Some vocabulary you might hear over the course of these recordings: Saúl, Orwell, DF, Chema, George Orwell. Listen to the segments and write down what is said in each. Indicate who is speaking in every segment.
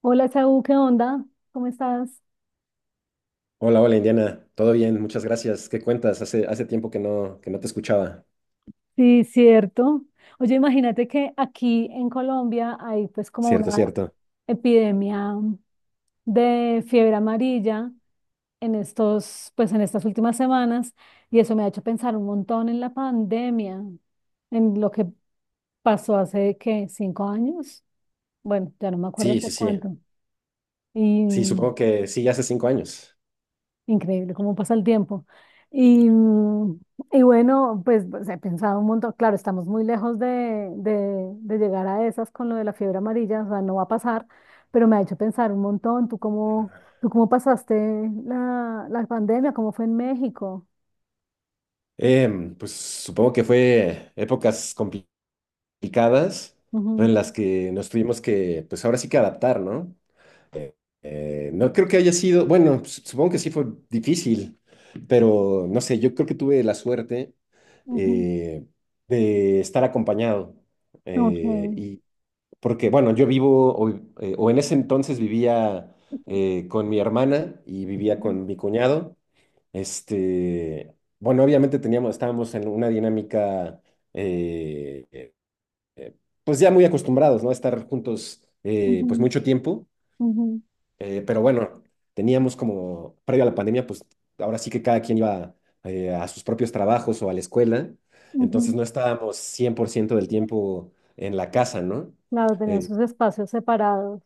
Speaker 1: Hola, Saúl, ¿qué onda? ¿Cómo estás?
Speaker 2: Hola, hola Indiana, todo bien, muchas gracias. ¿Qué cuentas? Hace tiempo que no te escuchaba.
Speaker 1: Sí, cierto. Oye, imagínate que aquí en Colombia hay pues como
Speaker 2: Cierto,
Speaker 1: una
Speaker 2: cierto.
Speaker 1: epidemia de fiebre amarilla en estos, pues en estas últimas semanas, y eso me ha hecho pensar un montón en la pandemia, en lo que pasó hace, ¿qué? ¿5 años? Bueno, ya no me acuerdo
Speaker 2: Sí, sí,
Speaker 1: por
Speaker 2: sí.
Speaker 1: cuánto. Y
Speaker 2: Sí, supongo que sí, hace 5 años.
Speaker 1: increíble cómo pasa el tiempo. Y, y bueno, pues, he pensado un montón, claro, estamos muy lejos de llegar a esas con lo de la fiebre amarilla, o sea, no va a pasar, pero me ha hecho pensar un montón. ¿Tú cómo, tú cómo pasaste la pandemia? ¿Cómo fue en México?
Speaker 2: Pues supongo que fue épocas complicadas
Speaker 1: Ujú,
Speaker 2: en las que nos tuvimos que, pues ahora sí que adaptar, ¿no? No creo que haya sido, bueno, supongo que sí fue difícil, pero no sé, yo creo que tuve la suerte
Speaker 1: ujú,
Speaker 2: eh, de estar acompañado.
Speaker 1: ok, ujú,
Speaker 2: eh, Porque, bueno, yo vivo, o en ese entonces vivía con mi hermana y vivía con mi cuñado. Este, bueno, obviamente teníamos, estábamos en una dinámica, eh, eh, eh, pues ya muy acostumbrados, ¿no? A estar juntos, pues
Speaker 1: ujú,
Speaker 2: mucho tiempo.
Speaker 1: ujú,
Speaker 2: Pero bueno, teníamos como, previo a la pandemia, pues ahora sí que cada quien iba a sus propios trabajos o a la escuela.
Speaker 1: ujú.
Speaker 2: Entonces no estábamos 100% del tiempo en la casa, ¿no?
Speaker 1: Claro, tenían
Speaker 2: Eh,
Speaker 1: sus espacios separados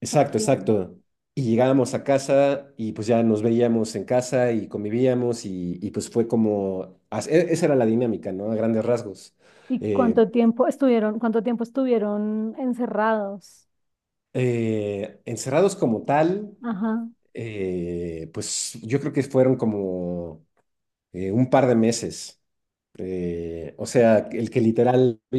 Speaker 2: Exacto,
Speaker 1: también.
Speaker 2: exacto. Y llegábamos a casa y pues ya nos veíamos en casa y convivíamos y, pues fue como, esa era la dinámica, ¿no? A grandes rasgos.
Speaker 1: ¿Y
Speaker 2: Eh,
Speaker 1: cuánto tiempo estuvieron encerrados?
Speaker 2: Encerrados como tal,
Speaker 1: Ajá.
Speaker 2: pues yo creo que fueron como un par de meses. O sea, el que literal no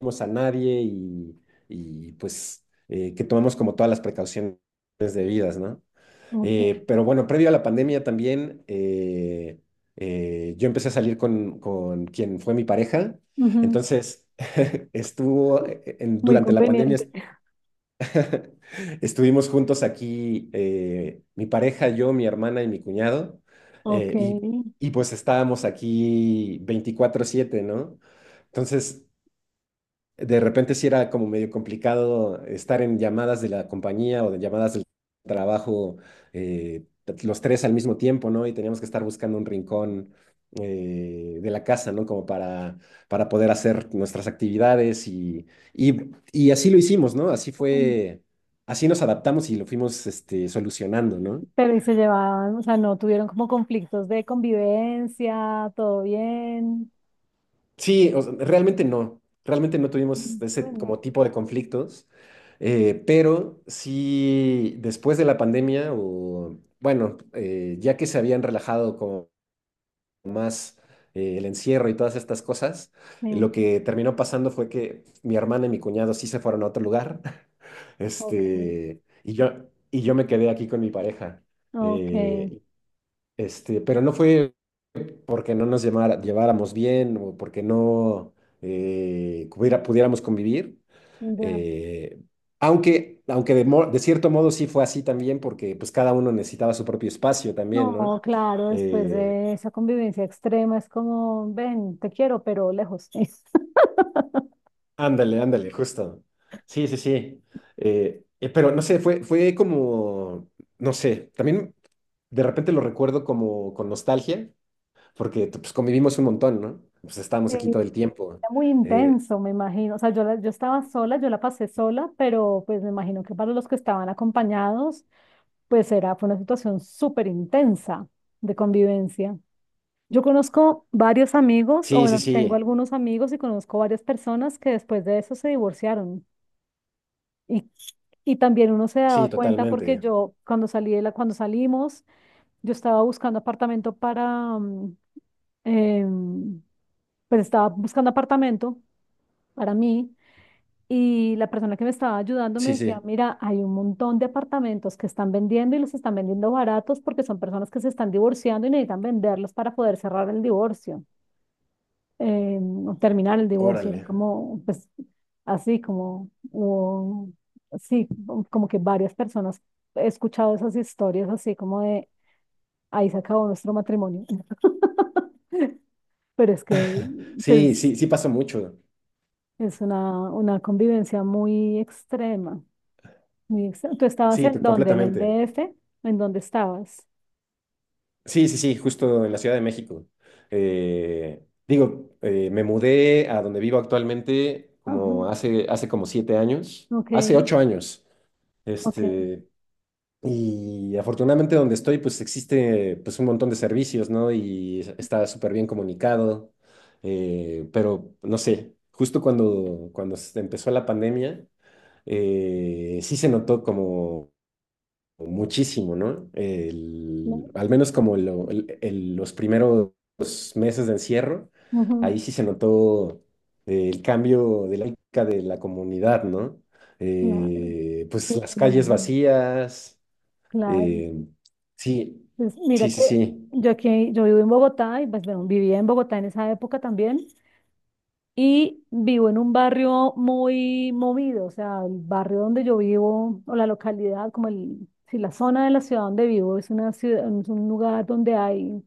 Speaker 2: vimos a nadie y, pues que tomamos como todas las precauciones debidas, ¿no?
Speaker 1: Ok,
Speaker 2: Pero bueno, previo a la pandemia también, yo empecé a salir con quien fue mi pareja.
Speaker 1: ujú.
Speaker 2: Entonces, estuvo
Speaker 1: Muy
Speaker 2: durante la pandemia,
Speaker 1: conveniente.
Speaker 2: estuvimos juntos aquí, mi pareja, yo, mi hermana y mi cuñado.
Speaker 1: Ok.
Speaker 2: Y, y pues estábamos aquí 24/7, ¿no? Entonces, de repente sí era como medio complicado estar en llamadas de la compañía o de llamadas del trabajo, eh, los tres al mismo tiempo, ¿no? Y teníamos que estar buscando un rincón de la casa, ¿no? Como para poder hacer nuestras actividades y, y así lo hicimos, ¿no? Así
Speaker 1: Ujú.
Speaker 2: fue, así nos adaptamos y lo fuimos este, solucionando, ¿no?
Speaker 1: Pero ¿y se llevaban? O sea, ¿no tuvieron como conflictos de convivencia, todo bien?
Speaker 2: Sí, o sea, realmente no tuvimos ese
Speaker 1: Bueno,
Speaker 2: como tipo de conflictos, pero sí después de la pandemia, o bueno, ya que se habían relajado como más el encierro y todas estas cosas,
Speaker 1: sí.
Speaker 2: lo que terminó pasando fue que mi hermana y mi cuñado sí se fueron a otro lugar,
Speaker 1: Ok,
Speaker 2: este, y yo me quedé aquí con mi pareja,
Speaker 1: ok.
Speaker 2: eh, este, pero no fue porque no nos lleváramos bien o porque no pudiéramos convivir.
Speaker 1: Ya.
Speaker 2: eh, Aunque de cierto modo sí fue así también, porque pues cada uno necesitaba su propio espacio también, ¿no?
Speaker 1: No, claro, después
Speaker 2: Eh,
Speaker 1: de esa convivencia extrema es como, ven, te quiero, pero lejos.
Speaker 2: Ándale, ándale, justo. Sí, sí, sí. Pero no sé, fue como, no sé, también de repente lo recuerdo como con nostalgia, porque pues convivimos un montón, ¿no? Pues
Speaker 1: Sí,
Speaker 2: estábamos aquí todo el
Speaker 1: era
Speaker 2: tiempo.
Speaker 1: muy
Speaker 2: Eh,
Speaker 1: intenso, me imagino. O sea, yo, yo estaba sola, yo la pasé sola, pero pues me imagino que para los que estaban acompañados. Pues era, fue una situación súper intensa de convivencia. Yo conozco varios amigos, o
Speaker 2: sí, sí,
Speaker 1: bueno, tengo
Speaker 2: sí.
Speaker 1: algunos amigos y conozco varias personas que después de eso se divorciaron. Y, y también uno se daba
Speaker 2: Sí,
Speaker 1: cuenta porque
Speaker 2: totalmente.
Speaker 1: yo, cuando salí de la, cuando salimos, yo estaba buscando apartamento para, em, pues estaba buscando apartamento para mí. Y la persona que me estaba ayudando me
Speaker 2: Sí,
Speaker 1: decía,
Speaker 2: sí.
Speaker 1: mira, hay un montón de apartamentos que están vendiendo y los están vendiendo baratos porque son personas que se están divorciando y necesitan venderlos para poder cerrar el divorcio, eh, o terminar el divorcio.
Speaker 2: Órale.
Speaker 1: Era como, pues, así como, sí, como que varias personas he escuchado esas historias así como de, ahí se acabó nuestro matrimonio. Pero es que,
Speaker 2: Sí,
Speaker 1: pues,
Speaker 2: sí, sí pasa mucho.
Speaker 1: es una convivencia muy extrema. ¿Tú estabas
Speaker 2: Sí,
Speaker 1: en
Speaker 2: to-
Speaker 1: dónde? ¿En el
Speaker 2: completamente.
Speaker 1: DF? ¿En dónde estabas?
Speaker 2: Sí, sí, sí, justo en la Ciudad de México. Digo, me mudé a donde vivo actualmente
Speaker 1: Ah,
Speaker 2: como hace, hace como 7 años,
Speaker 1: ok,
Speaker 2: hace 8 años.
Speaker 1: ok,
Speaker 2: Este, y afortunadamente donde estoy, pues existe pues un montón de servicios, ¿no? Y está súper bien comunicado. Pero no sé, justo cuando, cuando se empezó la pandemia. Sí se notó como muchísimo, ¿no?
Speaker 1: claro.
Speaker 2: Al menos como los primeros meses de encierro,
Speaker 1: Ujú,
Speaker 2: ahí sí se notó el cambio de lógica de la comunidad, ¿no?
Speaker 1: claro, sí,
Speaker 2: Pues las
Speaker 1: me
Speaker 2: calles
Speaker 1: imagino,
Speaker 2: vacías,
Speaker 1: claro.
Speaker 2: eh, sí,
Speaker 1: Pues mira
Speaker 2: sí, sí,
Speaker 1: que
Speaker 2: sí,
Speaker 1: yo aquí, yo vivo en Bogotá, y pues bueno, vivía en Bogotá en esa época también, y vivo en un barrio muy movido. O sea, el barrio donde yo vivo o la localidad, como el, si la zona de la ciudad donde vivo es una ciudad, es un lugar donde hay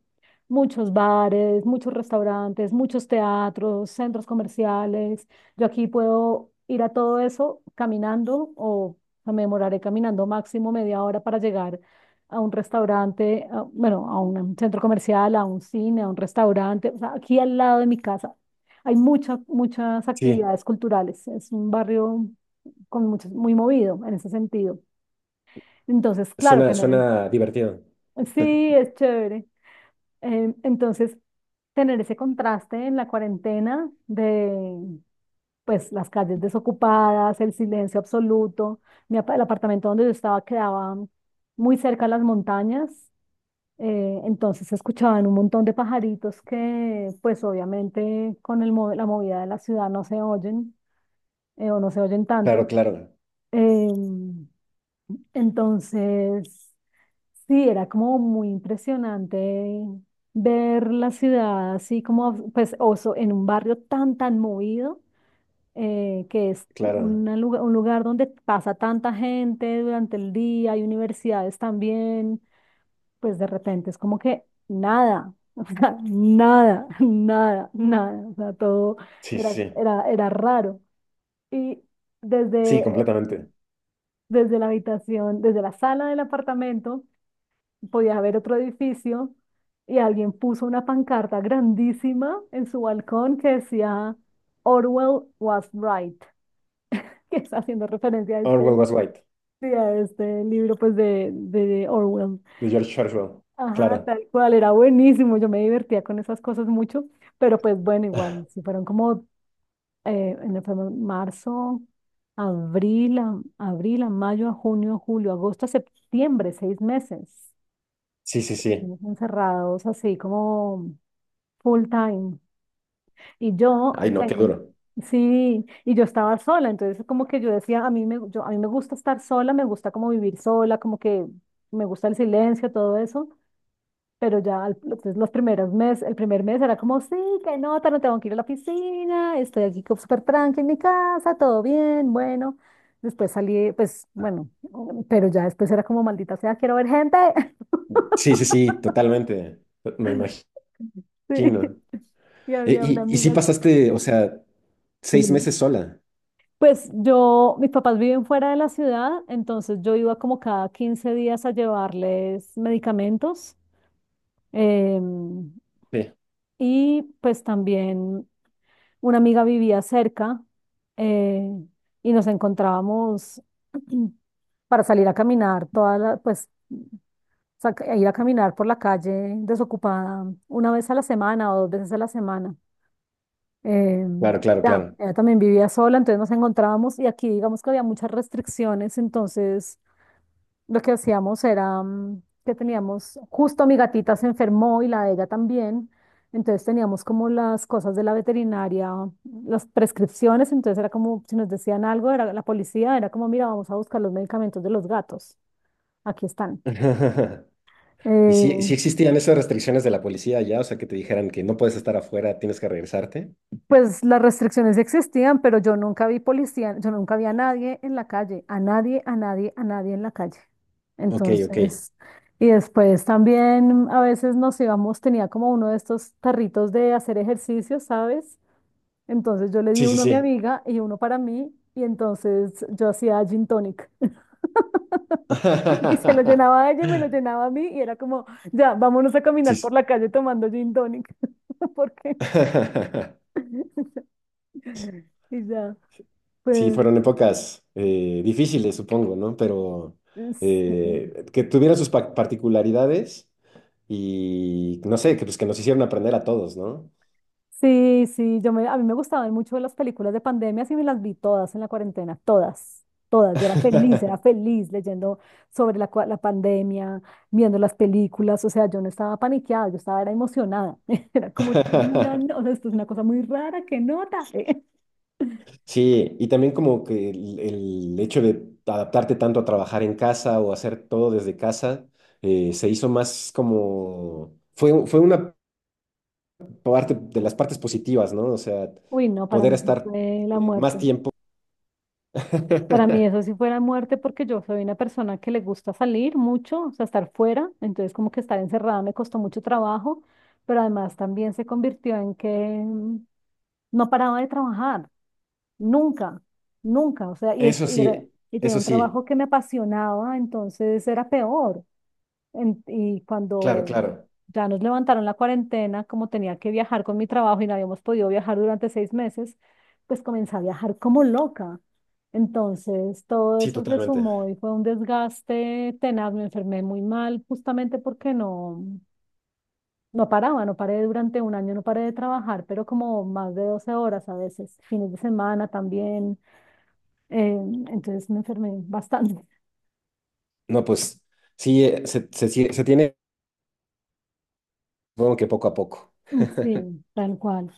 Speaker 1: muchos bares, muchos restaurantes, muchos teatros, centros comerciales. Yo aquí puedo ir a todo eso caminando, o me demoraré caminando máximo media hora para llegar a un restaurante, bueno, a un centro comercial, a un cine, a un restaurante, o sea, aquí al lado de mi casa. Hay muchas, muchas
Speaker 2: sí,
Speaker 1: actividades culturales. Es un barrio con muchos, muy movido en ese sentido. Entonces, claro,
Speaker 2: suena,
Speaker 1: tener el...
Speaker 2: suena divertido.
Speaker 1: Sí, es chévere. Entonces, tener ese contraste en la cuarentena de, pues, las calles desocupadas, el silencio absoluto. El apartamento donde yo estaba quedaba muy cerca a las montañas, entonces se escuchaban un montón de pajaritos que, pues, obviamente con el la movida de la ciudad no se oyen o no se oyen
Speaker 2: Claro,
Speaker 1: tanto.
Speaker 2: claro,
Speaker 1: Em, entonces, sí, era como muy impresionante ver la ciudad así como, pues, oso, en un barrio tan, tan movido, que es
Speaker 2: claro,
Speaker 1: una un lugar donde pasa tanta gente durante el día, hay universidades también, pues de repente es como que nada, o sea, nada, nada, nada, o sea, todo
Speaker 2: sí, sí,
Speaker 1: era,
Speaker 2: sí,
Speaker 1: era, era raro. Y
Speaker 2: sí,
Speaker 1: desde,
Speaker 2: completamente.
Speaker 1: desde la habitación, desde la sala del apartamento, podías ver otro edificio, y alguien puso una pancarta grandísima en su balcón que decía Orwell was right, que está haciendo referencia a
Speaker 2: Orwell
Speaker 1: este,
Speaker 2: was white,
Speaker 1: sí, a este libro pues de Orwell.
Speaker 2: de George Orwell,
Speaker 1: Ajá,
Speaker 2: claro.
Speaker 1: tal cual, era buenísimo, yo me divertía con esas cosas mucho, pero pues bueno, igual, si fueron como fue marzo, abril, abril, a mayo, a junio, a julio, agosto, a septiembre, 6 meses.
Speaker 2: Sí, sí, sí.
Speaker 1: Estuvimos encerrados así como full time. Y
Speaker 2: Ay, no, qué duro.
Speaker 1: sí, y yo estaba sola, entonces como que yo decía, a mí me, yo, a mí me gusta estar sola, me gusta como vivir sola, como que me gusta el silencio, todo eso. Pero ya entonces los primeros meses, el primer mes era como, sí, qué nota, no tengo que ir a la piscina, estoy aquí como súper tranqui en mi casa, todo bien, bueno. Después salí, pues bueno, pero ya después era como, maldita sea, quiero ver gente.
Speaker 2: Sí, sí, sí, totalmente. Me imagino.
Speaker 1: Sí. Y
Speaker 2: E-
Speaker 1: había una
Speaker 2: Y, y, sí
Speaker 1: amiga.
Speaker 2: pasaste, o sea, seis
Speaker 1: Dime.
Speaker 2: meses sola.
Speaker 1: Pues yo, mis papás viven fuera de la ciudad, entonces yo iba como cada 15 días a llevarles medicamentos. em,
Speaker 2: Sí.
Speaker 1: y pues también una amiga vivía cerca, eh, y nos encontrábamos para salir a caminar, pues a ir a caminar por la calle desocupada una vez a la semana o dos veces a la semana.
Speaker 2: Claro, claro,
Speaker 1: Ya,
Speaker 2: claro.
Speaker 1: ella también vivía sola, entonces nos encontrábamos, y aquí digamos que había muchas restricciones. Entonces lo que hacíamos era que teníamos, justo mi gatita se enfermó y la de ella también, entonces teníamos como las cosas de la veterinaria, las prescripciones, entonces era como si nos decían algo, era la policía, era como, mira, vamos a buscar los medicamentos de los gatos, aquí están.
Speaker 2: ¿Y sí, sí
Speaker 1: Eh,
Speaker 2: existían esas restricciones de la policía allá? O sea, que te dijeran que no puedes estar afuera, tienes que regresarte.
Speaker 1: Pues las restricciones existían, pero yo nunca vi policía, yo nunca vi a nadie en la calle, a nadie, a nadie, a nadie en la calle.
Speaker 2: Ok, ok.
Speaker 1: Entonces, y después también a veces nos íbamos, tenía como uno de estos tarritos de hacer ejercicio, ¿sabes? Entonces yo le di
Speaker 2: Sí, sí,
Speaker 1: uno a mi
Speaker 2: sí.
Speaker 1: amiga y uno para mí, y entonces yo hacía gin tonic y se lo llenaba a ella y me lo llenaba a mí, y era como, ya, vámonos a
Speaker 2: Sí,
Speaker 1: caminar
Speaker 2: sí.
Speaker 1: por la calle tomando gin tonic, porque, y ya,
Speaker 2: Sí,
Speaker 1: pues,
Speaker 2: fueron épocas difíciles, supongo, ¿no? Pero
Speaker 1: sí.
Speaker 2: que tuvieron sus particularidades y no sé, que, pues, que nos hicieron aprender a todos, ¿no?
Speaker 1: Sí, sí, yo me, a mí me gustaban mucho las películas de pandemia, y me las vi todas en la cuarentena, todas, todas. Yo era feliz leyendo sobre la, la pandemia, viendo las películas, o sea, yo no estaba paniqueada, yo estaba era emocionada. Era como, una, no, o sea, esto es una cosa muy rara, qué nota.
Speaker 2: Sí, y también como que el hecho de adaptarte tanto a trabajar en casa o hacer todo desde casa, se hizo más como, fue una parte de las partes positivas, ¿no? O sea,
Speaker 1: Uy, no, para
Speaker 2: poder
Speaker 1: mí sí
Speaker 2: estar
Speaker 1: fue la
Speaker 2: más
Speaker 1: muerte.
Speaker 2: tiempo.
Speaker 1: Para mí eso sí fuera muerte porque yo soy una persona que le gusta salir mucho, o sea, estar fuera, entonces como que estar encerrada me costó mucho trabajo, pero además también se convirtió en que no paraba de trabajar, nunca, nunca, o sea,
Speaker 2: Eso
Speaker 1: y era,
Speaker 2: sí,
Speaker 1: y tenía
Speaker 2: eso
Speaker 1: un trabajo
Speaker 2: sí,
Speaker 1: que me apasionaba, entonces era peor, y
Speaker 2: claro,
Speaker 1: cuando
Speaker 2: claro.
Speaker 1: ya nos levantaron la cuarentena, como tenía que viajar con mi trabajo y no habíamos podido viajar durante 6 meses, pues comencé a viajar como loca. Entonces, todo
Speaker 2: Sí,
Speaker 1: eso se
Speaker 2: totalmente.
Speaker 1: sumó y fue un desgaste tenaz. Me enfermé muy mal justamente porque no, no paraba, no paré durante 1 año, no paré de trabajar, pero como más de 12 horas a veces, fines de semana también. eh, entonces me enfermé bastante.
Speaker 2: No, pues sí, se tiene, supongo que poco a poco.
Speaker 1: Sí, tal cual.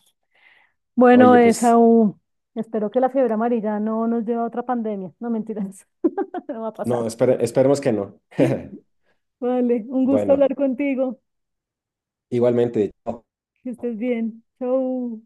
Speaker 1: Bueno,
Speaker 2: Oye, pues
Speaker 1: Esaú, espero que la fiebre amarilla no nos lleve a otra pandemia. No, mentiras, no va a
Speaker 2: no,
Speaker 1: pasar.
Speaker 2: esperemos que no.
Speaker 1: Vale, un gusto
Speaker 2: Bueno,
Speaker 1: hablar contigo.
Speaker 2: igualmente. Chao.
Speaker 1: Que estés bien. Chau.